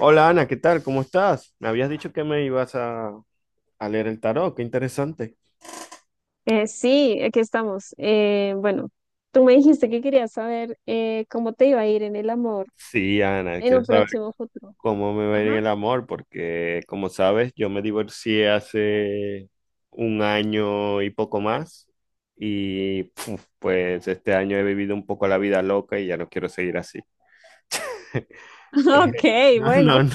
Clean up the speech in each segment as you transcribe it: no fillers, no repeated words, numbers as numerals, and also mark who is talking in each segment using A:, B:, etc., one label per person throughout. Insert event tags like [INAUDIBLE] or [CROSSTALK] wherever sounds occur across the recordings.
A: Hola Ana, ¿qué tal? ¿Cómo estás? Me habías dicho que me ibas a leer el tarot, qué interesante.
B: Sí, aquí estamos. Bueno, tú me dijiste que querías saber cómo te iba a ir en el amor
A: Sí, Ana,
B: en
A: quiero
B: un
A: saber
B: próximo futuro.
A: cómo me va a ir en
B: Ajá.
A: el amor, porque como sabes, yo me divorcié hace un año y poco más, y puf, pues este año he vivido un poco la vida loca y ya no quiero seguir así.
B: [LAUGHS] Ok,
A: Eh, no, no,
B: bueno.
A: no,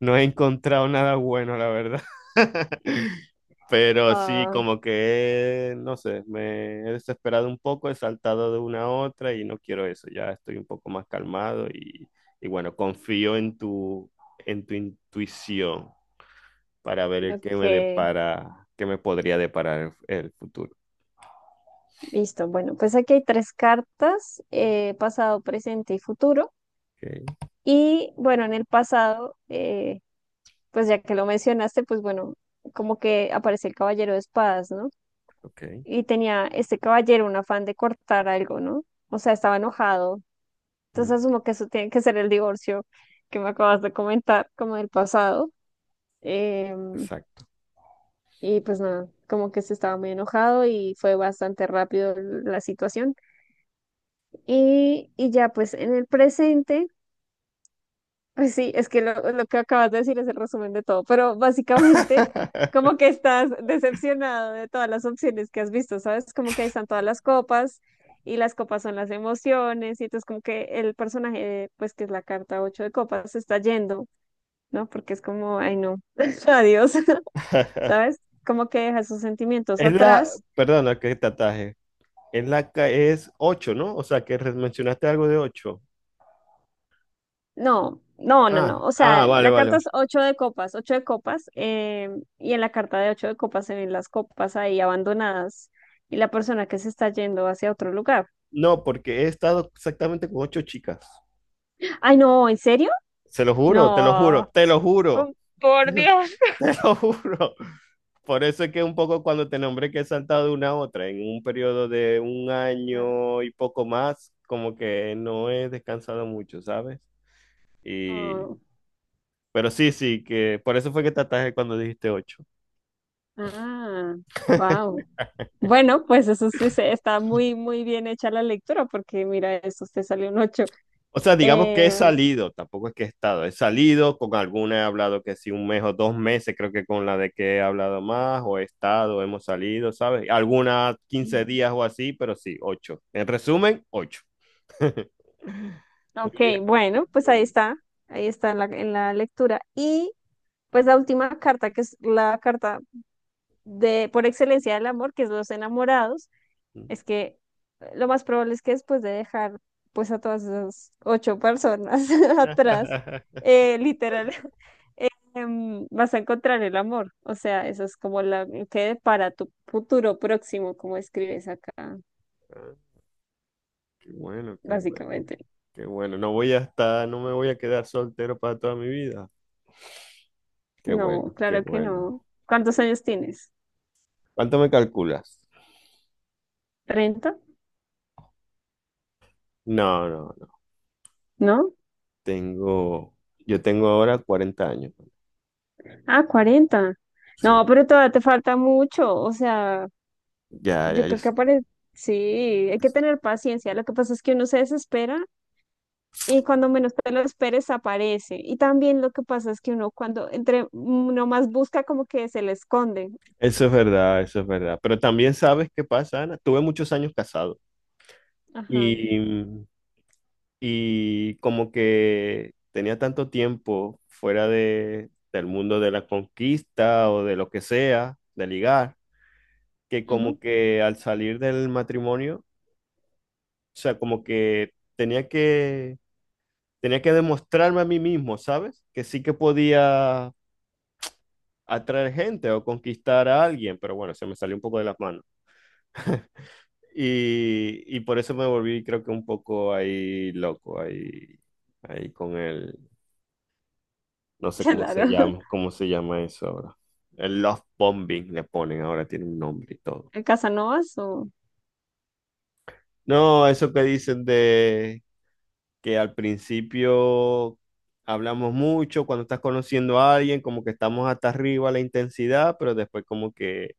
A: no he encontrado nada bueno, la verdad. [LAUGHS] Pero sí,
B: Ah,
A: como que, no sé, me he desesperado un poco, he saltado de una a otra y no quiero eso, ya estoy un poco más calmado y bueno, confío en tu intuición para ver el que me
B: ok,
A: depara, qué me podría deparar el futuro.
B: listo. Bueno, pues aquí hay tres cartas, pasado, presente y futuro.
A: Ok,
B: Y bueno, en el pasado, pues ya que lo mencionaste, pues bueno, como que aparece el caballero de espadas, ¿no?
A: ok,
B: Y tenía este caballero un afán de cortar algo, ¿no? O sea, estaba enojado.
A: mm,
B: Entonces asumo que eso tiene que ser el divorcio que me acabas de comentar, como del pasado. Em,
A: exacto.
B: y pues nada, como que se estaba muy enojado y fue bastante rápido la situación. Y ya pues en el presente, pues sí, es que lo que acabas de decir es el resumen de todo, pero básicamente como
A: [LAUGHS]
B: que estás decepcionado de todas las opciones que has visto, ¿sabes? Como que ahí están todas las copas. Y las copas son las emociones, y entonces como que el personaje, pues que es la carta ocho de copas, se está yendo, ¿no? Porque es como, ay, no, [LAUGHS] adiós, [LAUGHS] ¿sabes? Como que deja esos sentimientos
A: Es la,
B: atrás.
A: perdona que te ataje, es la es 8, ¿no? O sea, que mencionaste algo de 8.
B: No, no, no, no.
A: Ah,
B: O
A: ah,
B: sea,
A: vale,
B: la carta
A: vale.
B: es ocho de copas, y en la carta de ocho de copas se ven las copas ahí abandonadas y la persona que se está yendo hacia otro lugar.
A: No, porque he estado exactamente con 8 chicas.
B: Ay, no, ¿en serio?
A: Se lo juro, te lo juro,
B: No.
A: te lo juro,
B: Oh, por Dios.
A: [LAUGHS] te lo juro. Por eso es que un poco cuando te nombré que he saltado de una a otra en un periodo de un
B: Claro.
A: año y poco más, como que no he descansado mucho, ¿sabes? Y
B: Oh.
A: pero sí, sí, que por eso fue que te atajé cuando dijiste 8.
B: Ah, wow. Bueno, pues eso sí está muy, muy bien hecha la lectura, porque mira, eso te salió un 8.
A: O sea, digamos que he
B: Eh,
A: salido, tampoco es que he estado, he salido, con alguna he hablado que sí, un mes o dos meses, creo que con la de que he hablado más, o he estado, hemos salido, ¿sabes? Algunas
B: Mm.
A: 15 días o así, pero sí, ocho. En resumen, ocho. [LAUGHS] Muy
B: Ok,
A: bien, muy bien,
B: bueno, pues
A: muy bien.
B: ahí está en la lectura. Y pues la última carta, que es la carta de por excelencia del amor, que es los enamorados, es que lo más probable es que después de dejar pues a todas esas 8 personas [LAUGHS] atrás,
A: [LAUGHS]
B: literal, [LAUGHS] vas a encontrar el amor. O sea, eso es como la que para tu futuro próximo, como escribes acá,
A: Ah, qué bueno, qué bueno,
B: básicamente.
A: qué bueno. No voy a estar, no me voy a quedar soltero para toda mi vida. Qué
B: No,
A: bueno, qué
B: claro que no.
A: bueno.
B: ¿Cuántos
A: Bueno.
B: años tienes?
A: ¿Cuánto me calculas?
B: 30,
A: No, no, no.
B: ¿no?
A: Tengo, yo tengo ahora 40 años. ¿No?
B: Ah, 40.
A: Sí,
B: No, pero todavía te falta mucho. O sea,
A: ya, ya,
B: yo
A: ya.
B: creo que aparece. Sí, hay que tener paciencia. Lo que pasa es que uno se desespera y cuando menos te lo esperes aparece. Y también lo que pasa es que uno cuando entre uno más busca como que se le esconde.
A: Eso es verdad, eso es verdad. Pero también sabes qué pasa, Ana. Tuve muchos años casado
B: Ajá.
A: y, y como que tenía tanto tiempo fuera del mundo de la conquista o de lo que sea, de ligar, que
B: Ujú.
A: como que al salir del matrimonio, o sea, como que tenía que demostrarme a mí mismo, ¿sabes? Que sí que podía atraer gente o conquistar a alguien, pero bueno, se me salió un poco de las manos. Y por eso me volví, creo que un poco ahí loco, ahí con el, no
B: [LAUGHS]
A: sé
B: Claro.
A: cómo se llama eso ahora. El love bombing le ponen ahora, tiene un nombre y todo.
B: ¿En Casanovas o?
A: No, eso que dicen de que al principio hablamos mucho, cuando estás conociendo a alguien, como que estamos hasta arriba la intensidad, pero después como que,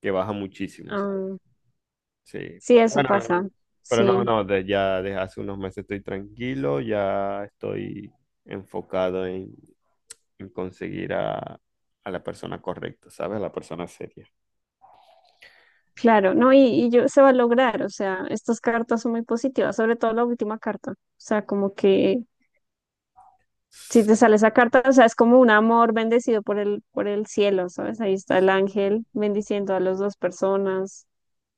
A: que baja muchísimo, ¿sabes?
B: Ah,
A: Sí,
B: sí,
A: pero
B: eso
A: bueno, no,
B: pasa.
A: pero no,
B: Sí.
A: no, ya desde hace unos meses estoy tranquilo, ya estoy enfocado en conseguir a la persona correcta, ¿sabes? A la persona seria.
B: Claro, no, y yo se va a lograr, o sea, estas cartas son muy positivas, sobre todo la última carta, o sea, como que si te sale esa carta, o sea, es como un amor bendecido por el cielo, ¿sabes? Ahí está el ángel bendiciendo a las dos personas.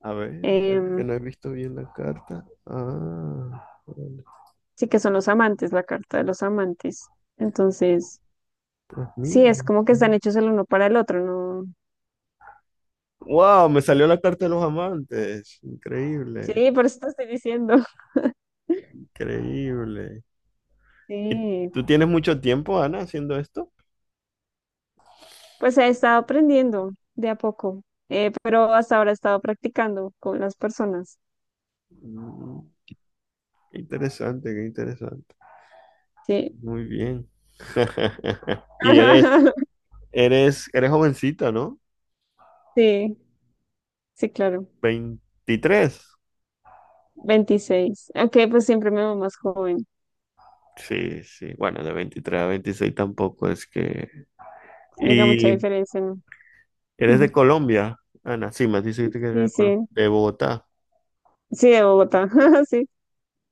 A: A ver, que
B: Em,
A: no he visto bien la carta. Ah, vale,
B: sí que son los amantes, la carta de los amantes. Entonces,
A: pues
B: sí,
A: mira,
B: es
A: no
B: como que están
A: sé.
B: hechos el uno para el otro, ¿no?
A: Wow, me salió la carta de los amantes. Increíble,
B: Sí, por eso te estoy diciendo. [LAUGHS]
A: increíble. ¿Y
B: Sí,
A: tú tienes mucho tiempo, Ana, haciendo esto?
B: pues he estado aprendiendo de a poco, pero hasta ahora he estado practicando con las personas.
A: Mm, qué interesante, qué interesante.
B: Sí.
A: Muy bien. [LAUGHS] Y eres,
B: [LAUGHS]
A: eres, eres jovencita, ¿no?
B: Sí, sí, claro.
A: 23.
B: 26. Ok, pues siempre me veo más joven.
A: Sí, sí. Bueno, de 23 a 26 tampoco es que.
B: Haga mucha
A: Y
B: diferencia, ¿no?
A: eres de
B: [LAUGHS]
A: Colombia, Ana. Sí, me dijiste que eres
B: Sí,
A: de Colombia.
B: sí,
A: De Bogotá.
B: sí, de Bogotá, [LAUGHS] sí.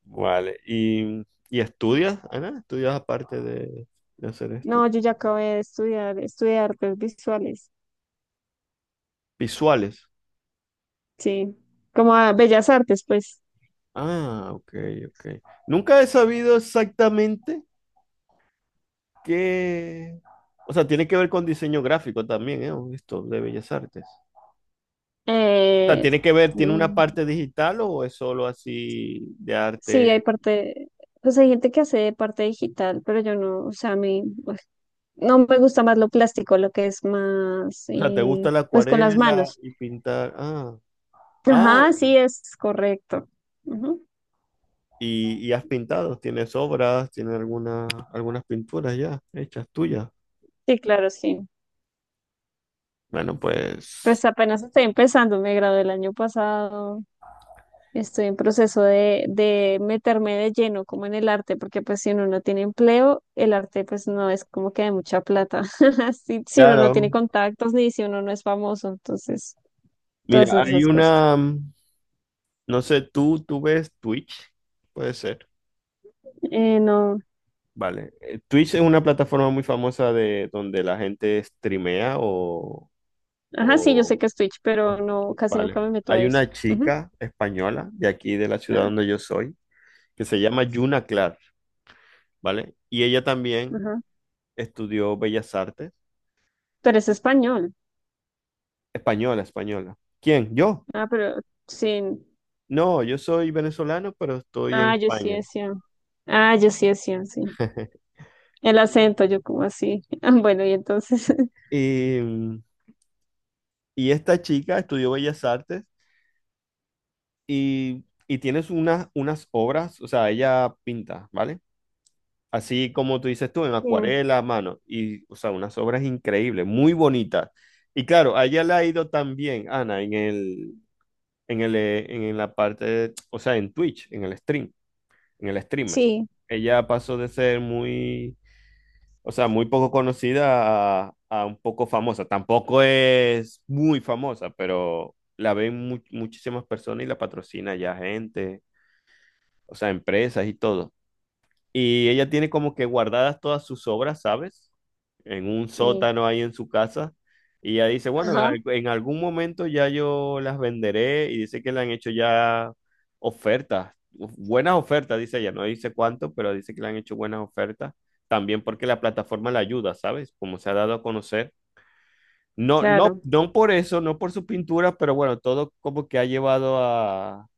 A: Vale. ¿Y estudias, Ana? ¿Estudias aparte de hacer
B: No,
A: esto?
B: yo ya acabé de estudiar, estudié artes visuales,
A: Visuales.
B: sí, como a bellas artes, pues.
A: Ah, ok, ok. Nunca he sabido exactamente qué. O sea, tiene que ver con diseño gráfico también, ¿eh? Esto de Bellas Artes. O sea,
B: Eh,
A: tiene que ver, ¿tiene una
B: mm,
A: parte digital o es solo así de
B: sí, hay
A: arte?
B: parte, pues hay gente que hace parte digital, pero yo no, o sea, a mí, pues, no me gusta más lo plástico, lo que es más,
A: O sea, ¿te gusta la
B: pues con las
A: acuarela
B: manos.
A: y pintar? Ah, ah,
B: Ajá, sí, es correcto. Ujú.
A: y has pintado, tienes obras, tienes algunas pinturas ya hechas tuyas.
B: Sí, claro, sí.
A: Bueno,
B: Pues
A: pues,
B: apenas estoy empezando, me gradué el año pasado. Estoy en proceso de meterme de lleno como en el arte, porque pues si uno no tiene empleo, el arte pues no es como que de mucha plata, [LAUGHS] si, si uno no
A: claro.
B: tiene contactos ni si uno no es famoso, entonces todas
A: Mira, hay
B: esas cosas.
A: una, no sé, tú ves Twitch, puede ser.
B: No,
A: Vale. Twitch es una plataforma muy famosa de donde la gente streamea o,
B: ajá, sí, yo sé
A: o
B: que es Twitch, pero no, casi nunca
A: Vale.
B: me meto a
A: Hay
B: eso.
A: una
B: Ujú,
A: chica española de aquí, de la ciudad
B: ah,
A: donde yo soy, que se llama Yuna Clark, ¿vale? Y ella también
B: ajá.
A: estudió Bellas Artes.
B: Pero es español.
A: Española, española. ¿Quién? ¿Yo?
B: Ah, pero sí.
A: No, yo soy venezolano, pero estoy en
B: Ah, yo sí
A: España.
B: decía. Ah, yo sí decía, sí.
A: [LAUGHS]
B: El acento, yo como así. [LAUGHS] Ah, bueno, y entonces. [LAUGHS]
A: Y, mm, y esta chica estudió Bellas Artes y tienes unas obras, o sea, ella pinta, ¿vale? Así como tú dices tú, en
B: Sí,
A: acuarela, mano. Y, o sea, unas obras increíbles, muy bonitas. Y claro, a ella le ha ido también, Ana, en la parte, o sea, en Twitch, en el stream, en el streamer.
B: sí,
A: Ella pasó de ser muy, o sea, muy poco conocida a un poco famosa. Tampoco es muy famosa, pero la ven muchísimas personas y la patrocina ya gente, o sea, empresas y todo. Y ella tiene como que guardadas todas sus obras, ¿sabes? En un
B: sí.
A: sótano ahí en su casa. Y ella dice, bueno,
B: Ajá.
A: en algún momento ya yo las venderé y dice que le han hecho ya ofertas, uf, buenas ofertas, dice ella, no dice cuánto, pero dice que le han hecho buenas ofertas, también porque la plataforma la ayuda, ¿sabes? Como se ha dado a conocer. No, no,
B: Claro,
A: no por eso, no por su pintura, pero bueno, todo como que ha llevado a,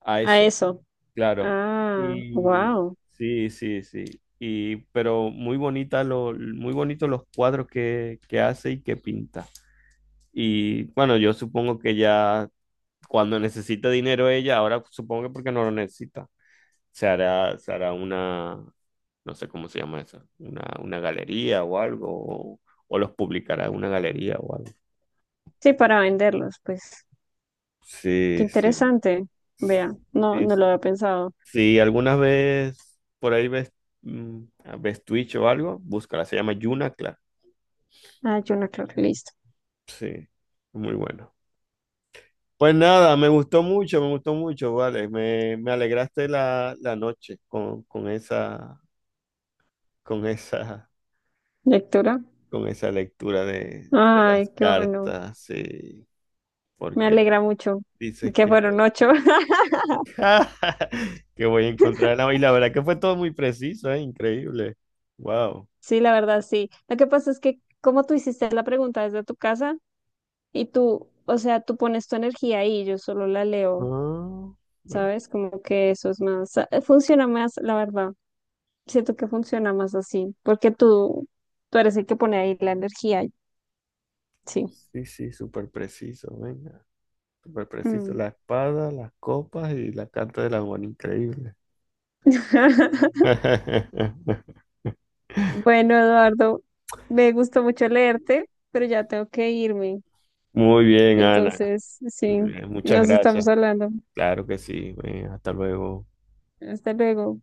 A: a
B: a
A: eso
B: eso.
A: claro.
B: Ah,
A: Y
B: wow.
A: sí, sí, sí. Y, pero muy muy bonitos los cuadros que hace y que pinta. Y bueno, yo supongo que ya cuando necesita dinero ella, ahora supongo que porque no lo necesita, se hará una, no sé cómo se llama eso, una galería o algo, o los publicará en una galería o algo.
B: Sí, para venderlos, pues. Qué
A: Sí, sí.
B: interesante. Vea, no,
A: Sí,
B: no lo había pensado.
A: si alguna vez por ahí ves Twitch o algo, búscala, se llama Yuna Clark.
B: Ah, yo no, claro, listo.
A: Sí, muy bueno. Pues nada, me gustó mucho, vale. Me alegraste la noche con esa, con esa,
B: Lectura.
A: con esa, lectura de las
B: Ay, qué bueno.
A: cartas, sí,
B: Me
A: porque
B: alegra mucho
A: dices
B: que
A: que,
B: fueron 8. [LAUGHS]
A: [LAUGHS] que voy a encontrar la. Y la verdad que fue todo muy preciso, ¿eh? Increíble. Wow.
B: Sí, la verdad, sí. Lo que pasa es que como tú hiciste la pregunta desde tu casa y tú, o sea, tú pones tu energía ahí, yo solo la leo,
A: Ah, bueno.
B: ¿sabes? Como que eso es más, funciona más, la verdad. Siento que funciona más así, porque tú eres el que pone ahí la energía. Sí.
A: Sí, sí, súper preciso, venga. Súper preciso.
B: Mm.
A: La espada, las copas y la carta del amor increíble.
B: [LAUGHS]
A: [LAUGHS]
B: Bueno, Eduardo, me gustó mucho leerte, pero ya tengo que irme.
A: Muy bien, Ana.
B: Entonces, sí,
A: Muy bien, muchas
B: nos
A: gracias.
B: estamos hablando.
A: Claro que sí. Venga, hasta luego.
B: Hasta luego.